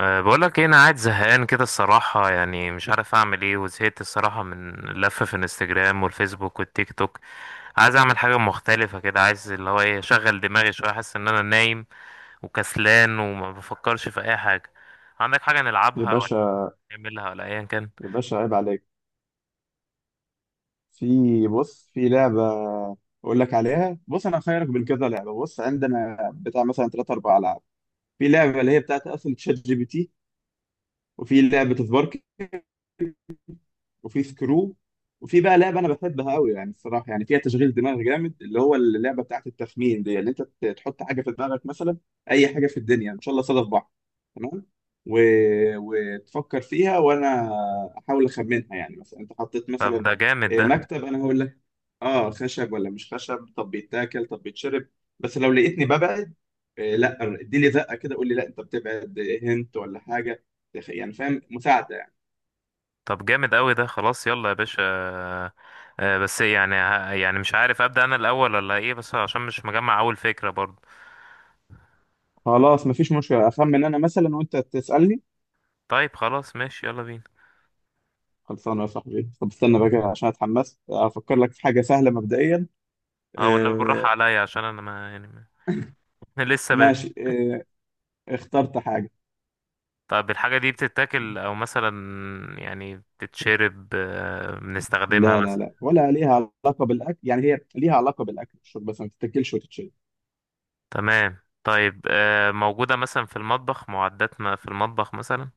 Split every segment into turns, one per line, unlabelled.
أه، بقولك ايه؟ انا قاعد زهقان كده الصراحة، يعني مش عارف اعمل ايه، وزهقت الصراحة من اللفة في الانستجرام والفيسبوك والتيك توك. عايز اعمل حاجة مختلفة كده، عايز اللي هو ايه، اشغل دماغي شوية، احس ان انا نايم وكسلان وما بفكرش في اي حاجة. عندك حاجة نلعبها
يا
ولا
باشا،
نعملها ولا ايا كان؟
يا باشا عيب عليك. بص في لعبة أقول لك عليها. بص أنا هخيرك بين كذا لعبة. بص عندنا بتاع مثلا ثلاث أربع ألعاب. في لعبة اللي هي بتاعت أصل تشات GPT، وفي لعبة سبارك، وفي سكرو، وفي بقى لعبة أنا بحبها أوي يعني الصراحة يعني فيها تشغيل دماغ جامد، اللي هو اللعبة بتاعت التخمين دي، اللي أنت تحط حاجة في دماغك، مثلا أي حاجة في الدنيا، إن شاء الله صادف بعض. تمام. و... وتفكر فيها وأنا أحاول أخمنها. يعني مثلا أنت حطيت
طب
مثلا
ده جامد ده.
مكتب، انا هقول اه خشب ولا مش خشب، طب بيتاكل، طب بيتشرب. بس لو لقيتني ببعد، آه لا اديلي زقه كده، قول لي لا انت بتبعد، هنت ولا حاجه، يعني فاهم، مساعده يعني.
طب جامد قوي ده، خلاص يلا يا باشا. أه. بس يعني يعني مش عارف ابدأ انا الاول ولا ايه، بس عشان مش مجمع اول فكرة برضه.
خلاص مفيش مشكله، اخمن انا مثلا وانت تسالني.
طيب خلاص، ماشي، يلا بينا.
خلصانه يا صاحبي، طب استنى بقى كده عشان اتحمست افكر لك في حاجه سهله مبدئيا.
اه والنبي بالراحة
آه.
عليا، عشان انا ما يعني ما. لسه بادئ.
ماشي آه. اخترت حاجه.
طب الحاجة دي بتتاكل، او مثلا يعني بتتشرب،
لا
بنستخدمها
لا
مثلا؟
لا، ولا ليها علاقه بالاكل. يعني هي ليها علاقه بالاكل والشرب بس ما تتاكلش وتتشرب.
تمام. طيب، موجودة مثلا في المطبخ، معدات ما في المطبخ مثلا؟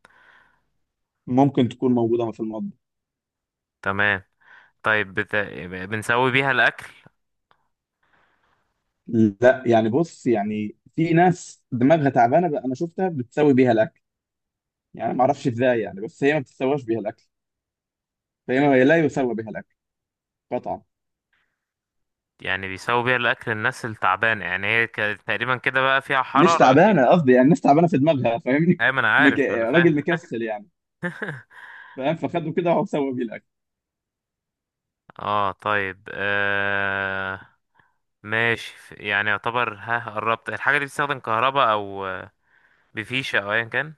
ممكن تكون موجوده في المطبخ.
تمام. طيب بنسوي بيها الأكل؟
لا يعني بص، يعني في ناس دماغها تعبانه بقى، انا شفتها بتسوي بيها الاكل، يعني ما اعرفش ازاي، يعني بس هي ما بتسواش بيها الاكل، فهي ما هي لا يسوى بيها الاكل قطعا.
يعني بيسوي بيها الأكل الناس التعبانة، يعني هي تقريبا كده، بقى فيها
مش
حرارة أكيد.
تعبانه قصدي، يعني الناس تعبانه في دماغها، فاهمني؟
أيوة، ما أنا عارف، ما أنا
راجل
فاهم.
مكسل يعني. فاهم، فخده كده وهو سوى بيه الاكل.
اه، طيب. ماشي يعني يعتبر ها قربت. الحاجة دي بتستخدم كهرباء أو بفيشة أو أيا كان؟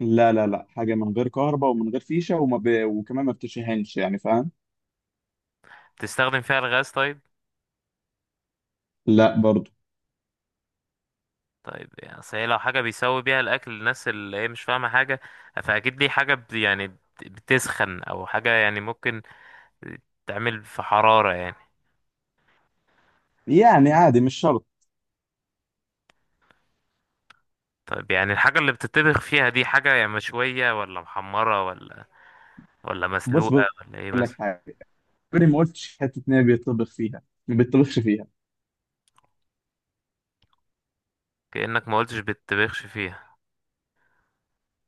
لا لا لا، حاجه من غير كهرباء ومن غير فيشه، وكمان ما بتشهنش، يعني فاهم.
بتستخدم فيها الغاز؟ طيب،
لا برضو.
طيب يعني أصل هي لو حاجة بيسوي بيها الأكل الناس اللي هي مش فاهمة حاجة، فأكيد دي حاجة يعني بتسخن أو حاجة، يعني ممكن تعمل في حرارة يعني.
يعني عادي، مش شرط.
طيب، يعني الحاجة اللي بتطبخ فيها دي حاجة يعني مشوية ولا محمرة ولا
بص
مسلوقة
بقول
ولا إيه
لك
مثلا؟
حاجه، عمري ما قلتش حته ان هي بيطبخ فيها، ما بيطبخش فيها.
كأنك ما قلتش بتطبخش فيها.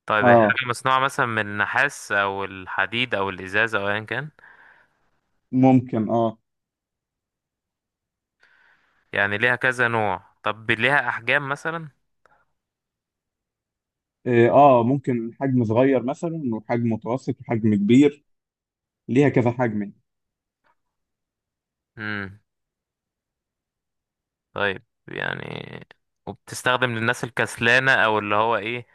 طيب هي
اه
حاجة مصنوعة مثلا من النحاس أو الحديد أو الإزاز أو أيا كان؟
ممكن اه.
يعني ليها كذا نوع؟ طب ليها احجام مثلا؟
إيه، اه ممكن حجم صغير مثلا وحجم متوسط وحجم كبير، ليها كذا حجم يعني.
امم طيب، يعني وبتستخدم للناس الكسلانة، او اللي هو ايه،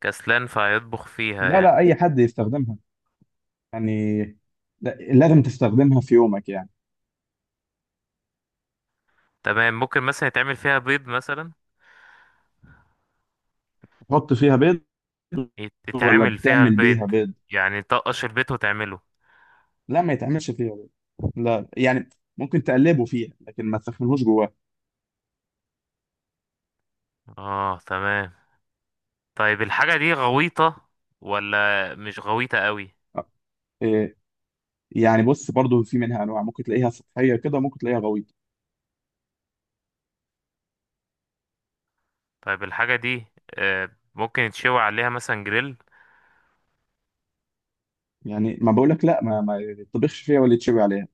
كسلان فهيطبخ فيها
لا
يعني؟
لا، اي حد يستخدمها يعني، لازم تستخدمها في يومك يعني.
تمام. ممكن مثلا يتعمل فيها بيض مثلا؟
تحط فيها بيض ولا
يتعمل فيها
بتعمل
البيض،
بيها بيض؟
يعني تقش البيض وتعمله؟
لا ما يتعملش فيها بيض، لا يعني ممكن تقلبه فيها لكن ما تسخنهوش جواه.
اه تمام. طيب الحاجة دي غويطة ولا مش غويطة قوي؟
إيه، يعني بص برضو في منها انواع، ممكن تلاقيها سطحيه كده وممكن تلاقيها غويطه.
طيب الحاجة دي آه، ممكن يتشوي عليها مثلا جريل؟
يعني ما بقولك لا، ما يطبخش فيها ولا يتشوي عليها.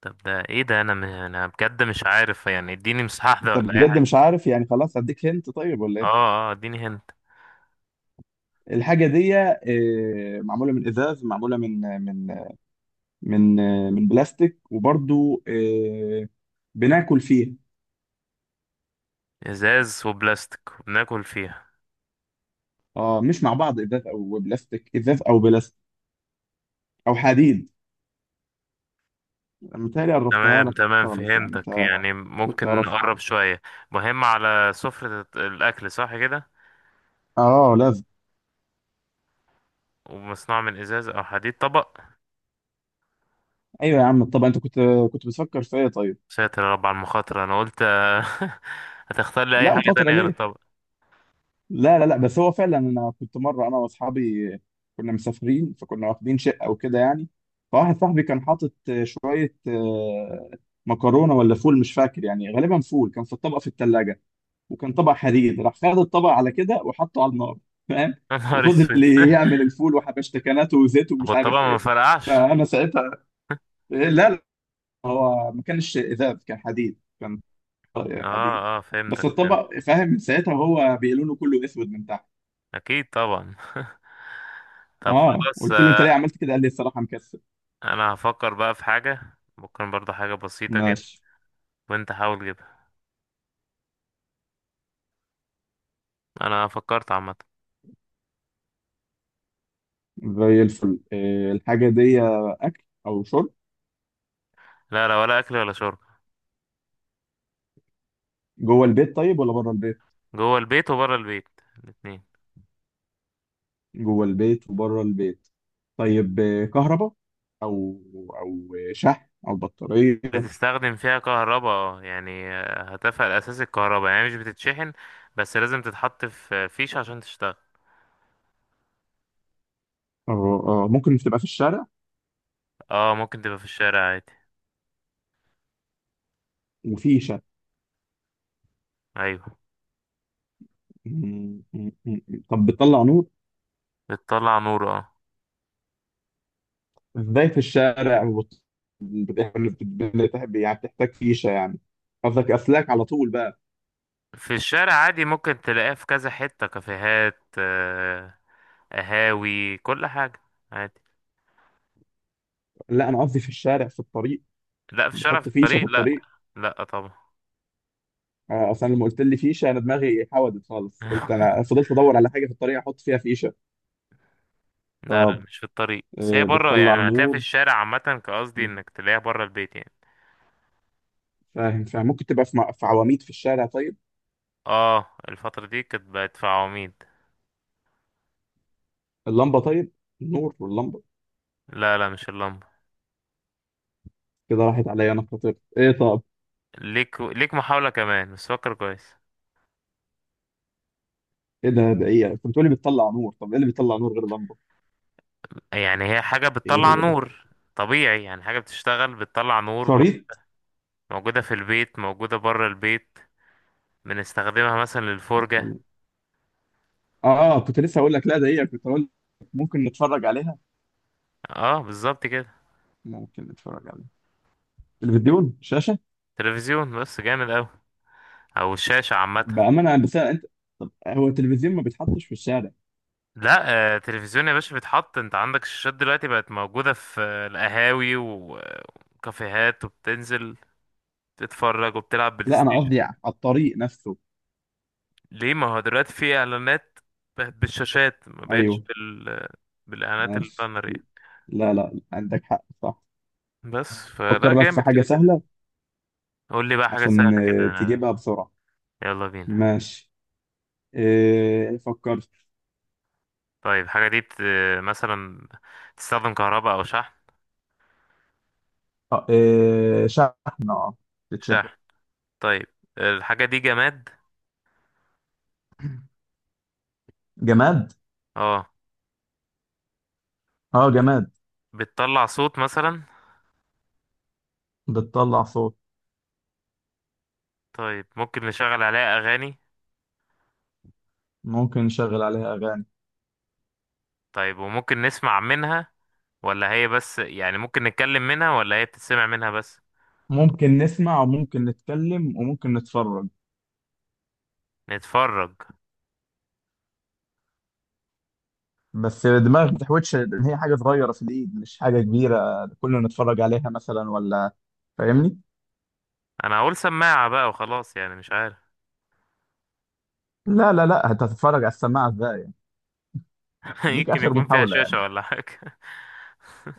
طب ده ايه ده؟ انا بجد مش عارف يعني، اديني مساحة واحدة
انت
ولا
بجد
اي.
مش عارف؟ يعني خلاص اديك هنت طيب ولا ايه.
اه اه، اديني هنت.
الحاجه دي معموله من ازاز، معموله من من بلاستيك، وبرضو بناكل فيها.
ازاز وبلاستيك وبناكل فيها؟
اه مش مع بعض، ازاز او بلاستيك، ازاز او بلاستيك او حديد. متهيألي قربتها
تمام
لك
تمام،
خالص، يعني
فهمتك،
انت
يعني
كنت
ممكن
تعرف.
نقرب شوية؟ مهم على سفرة الأكل، صح كده؟
اه لازم.
ومصنوع من إزاز أو حديد. طبق.
ايوه يا عم، طب انت كنت بتفكر في ايه طيب؟
ساتر يا رب على المخاطرة، أنا قلت هتختار لي أي
لا
حاجة
مخاطره
تانية غير
ليه؟
الطبق.
لا لا لا، بس هو فعلا انا كنت مره انا واصحابي كنا مسافرين، فكنا واخدين شقه وكده يعني، فواحد صاحبي كان حاطط شويه مكرونه ولا فول مش فاكر، يعني غالبا فول، كان في الطبق في الثلاجه، وكان طبق حديد، راح خد الطبق على كده وحطه على النار، فاهم؟
يا نهار
وفضل
أسود.
يعمل الفول وحبشتكناته وزيت
طب
ومش
والطبق
عارف
ما
ايه.
فرقعش؟
فانا ساعتها إيه، لا لا، هو ما كانش ازاز، كان حديد، كان طبق
اه
حديد.
اه،
بس
فهمتك، فهمت.
الطبق فاهم من ساعتها هو بيقولوا له كله اسود من تحت.
أكيد طبعا. طب
اه
خلاص.
قلت له انت ليه عملت كده، قال لي الصراحه مكسل.
أنا هفكر بقى في حاجة، ممكن برضه حاجة بسيطة كده،
ماشي.
وأنت حاول جدا. انا فكرت، عامه.
زي الفل. إيه الحاجه دي، اكل او شرب؟
لا لا، ولا اكل ولا شرب.
جوه البيت طيب ولا بره البيت؟
جوه البيت وبره البيت، الاتنين.
جوه البيت وبره البيت. طيب كهرباء او او شحن او بطاريه؟
بتستخدم فيها كهرباء اه، يعني هتفها الاساسي الكهرباء، يعني مش بتتشحن، بس لازم تتحط في فيش عشان تشتغل.
اه ممكن تبقى في الشارع
اه، ممكن تبقى في الشارع عادي.
وفي شحن.
ايوه،
طب بتطلع نور؟
بتطلع نور، اه.
ازاي في الشارع؟ يعني بتحتاج فيشه يعني، قصدك اسلاك على طول بقى.
في الشارع عادي، ممكن تلاقيها في كذا حته، كافيهات، قهاوي، كل حاجه عادي.
لا انا قصدي في الشارع في الطريق،
لا، في الشارع في
بحط فيشه في
الطريق، لا.
الطريق؟
لا طبعا.
اصلا لما قلت لي فيشه انا دماغي حودت خالص، قلت انا فضلت ادور على حاجه في الطريق احط فيها فيشه.
لا لا،
طب
مش في الطريق، بس هي بره،
بتطلع
يعني هتلاقيها في
نور.
الشارع عامة، كقصدي
م.
انك تلاقيها بره البيت يعني.
فاهم فاهم، ممكن تبقى في في عواميد في الشارع طيب.
اه، الفترة دي كانت بقت في عواميد.
اللمبه طيب، النور واللمبه.
لا لا، مش اللمبة.
كده راحت عليا، انا خطير. ايه طب؟
ليك محاولة كمان، بس فكر كويس.
ايه ده ايه؟ كنت بتقولي بتطلع نور، طب ايه اللي بيطلع نور غير لمبه؟
يعني هي حاجة
ايه
بتطلع
هو ده،
نور طبيعي، يعني حاجة بتشتغل، بتطلع نور،
شريط
موجودة في البيت، موجودة بره البيت، بنستخدمها مثلا للفرجة.
بتطلع. اه كنت لسه هقول لك لا ده هي، كنت هقول لك ممكن نتفرج عليها.
اه بالظبط كده.
ممكن نتفرج عليها، تلفزيون، شاشه.
تلفزيون، بس جامد اوي، او الشاشة عامة.
بامانه بس انت طب هو التلفزيون ما بيتحطش في الشارع.
لا، تلفزيون يا باشا بيتحط. انت عندك الشاشات دلوقتي بقت موجودة في القهاوي و- وكافيهات، وبتنزل تتفرج وبتلعب بلاي
لا انا قصدي
ستيشن.
على الطريق نفسه.
ليه؟ ما هو دلوقتي في اعلانات بالشاشات، ما بقتش
ايوه.
بالاعلانات
ماشي.
البانرية.
لا لا، عندك حق صح.
بس
طب
فلا
فكر لك في
جامد
حاجة
كده كده.
سهلة
قول لي بقى حاجة
عشان
سهلة كده.
تجيبها بسرعة.
يلا بينا.
ماشي. إيه فكرت؟
طيب الحاجة دي مثلا تستخدم كهرباء او شحن؟
إيه شحن اه، بتشحن.
شحن. طيب الحاجة دي جماد؟
جماد.
اه.
اه جماد.
بتطلع صوت مثلا؟
بتطلع صوت،
طيب ممكن نشغل عليها اغاني؟
ممكن نشغل عليها أغاني.
طيب، وممكن نسمع منها، ولا هي بس يعني ممكن نتكلم منها، ولا هي بتتسمع منها بس؟
ممكن نسمع وممكن نتكلم وممكن نتفرج.
نتفرج.
بس الدماغ ما تحوتش إن هي حاجة صغيرة في الإيد، مش حاجة كبيرة كلنا نتفرج عليها مثلا، ولا فاهمني؟
انا هقول سماعة بقى وخلاص، يعني مش عارف.
لا لا لا، انت هتتفرج على السماعه ازاي يعني؟ ليك
يمكن
اخر
يكون فيها
محاوله
شاشة
يعني.
ولا حاجة.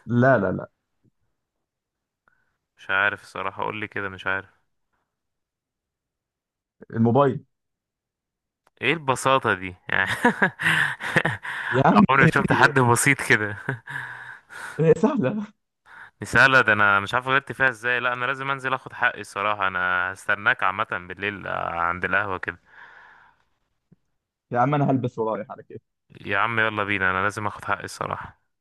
لا لا لا.
مش عارف الصراحة، قول لي كده، مش عارف.
الموبايل.
ايه البساطة دي يعني؟
يا عم
عمري ما شفت حد بسيط كده.
هي سهله.
مسألة ده انا مش عارف غلطت فيها ازاي. لا انا لازم انزل اخد حقي الصراحة. انا هستناك عامة بالليل عند القهوة كده.
يا عم انا هلبس ورايح على كده.
يا عم يلا بينا، انا لازم اخد حقي الصراحة.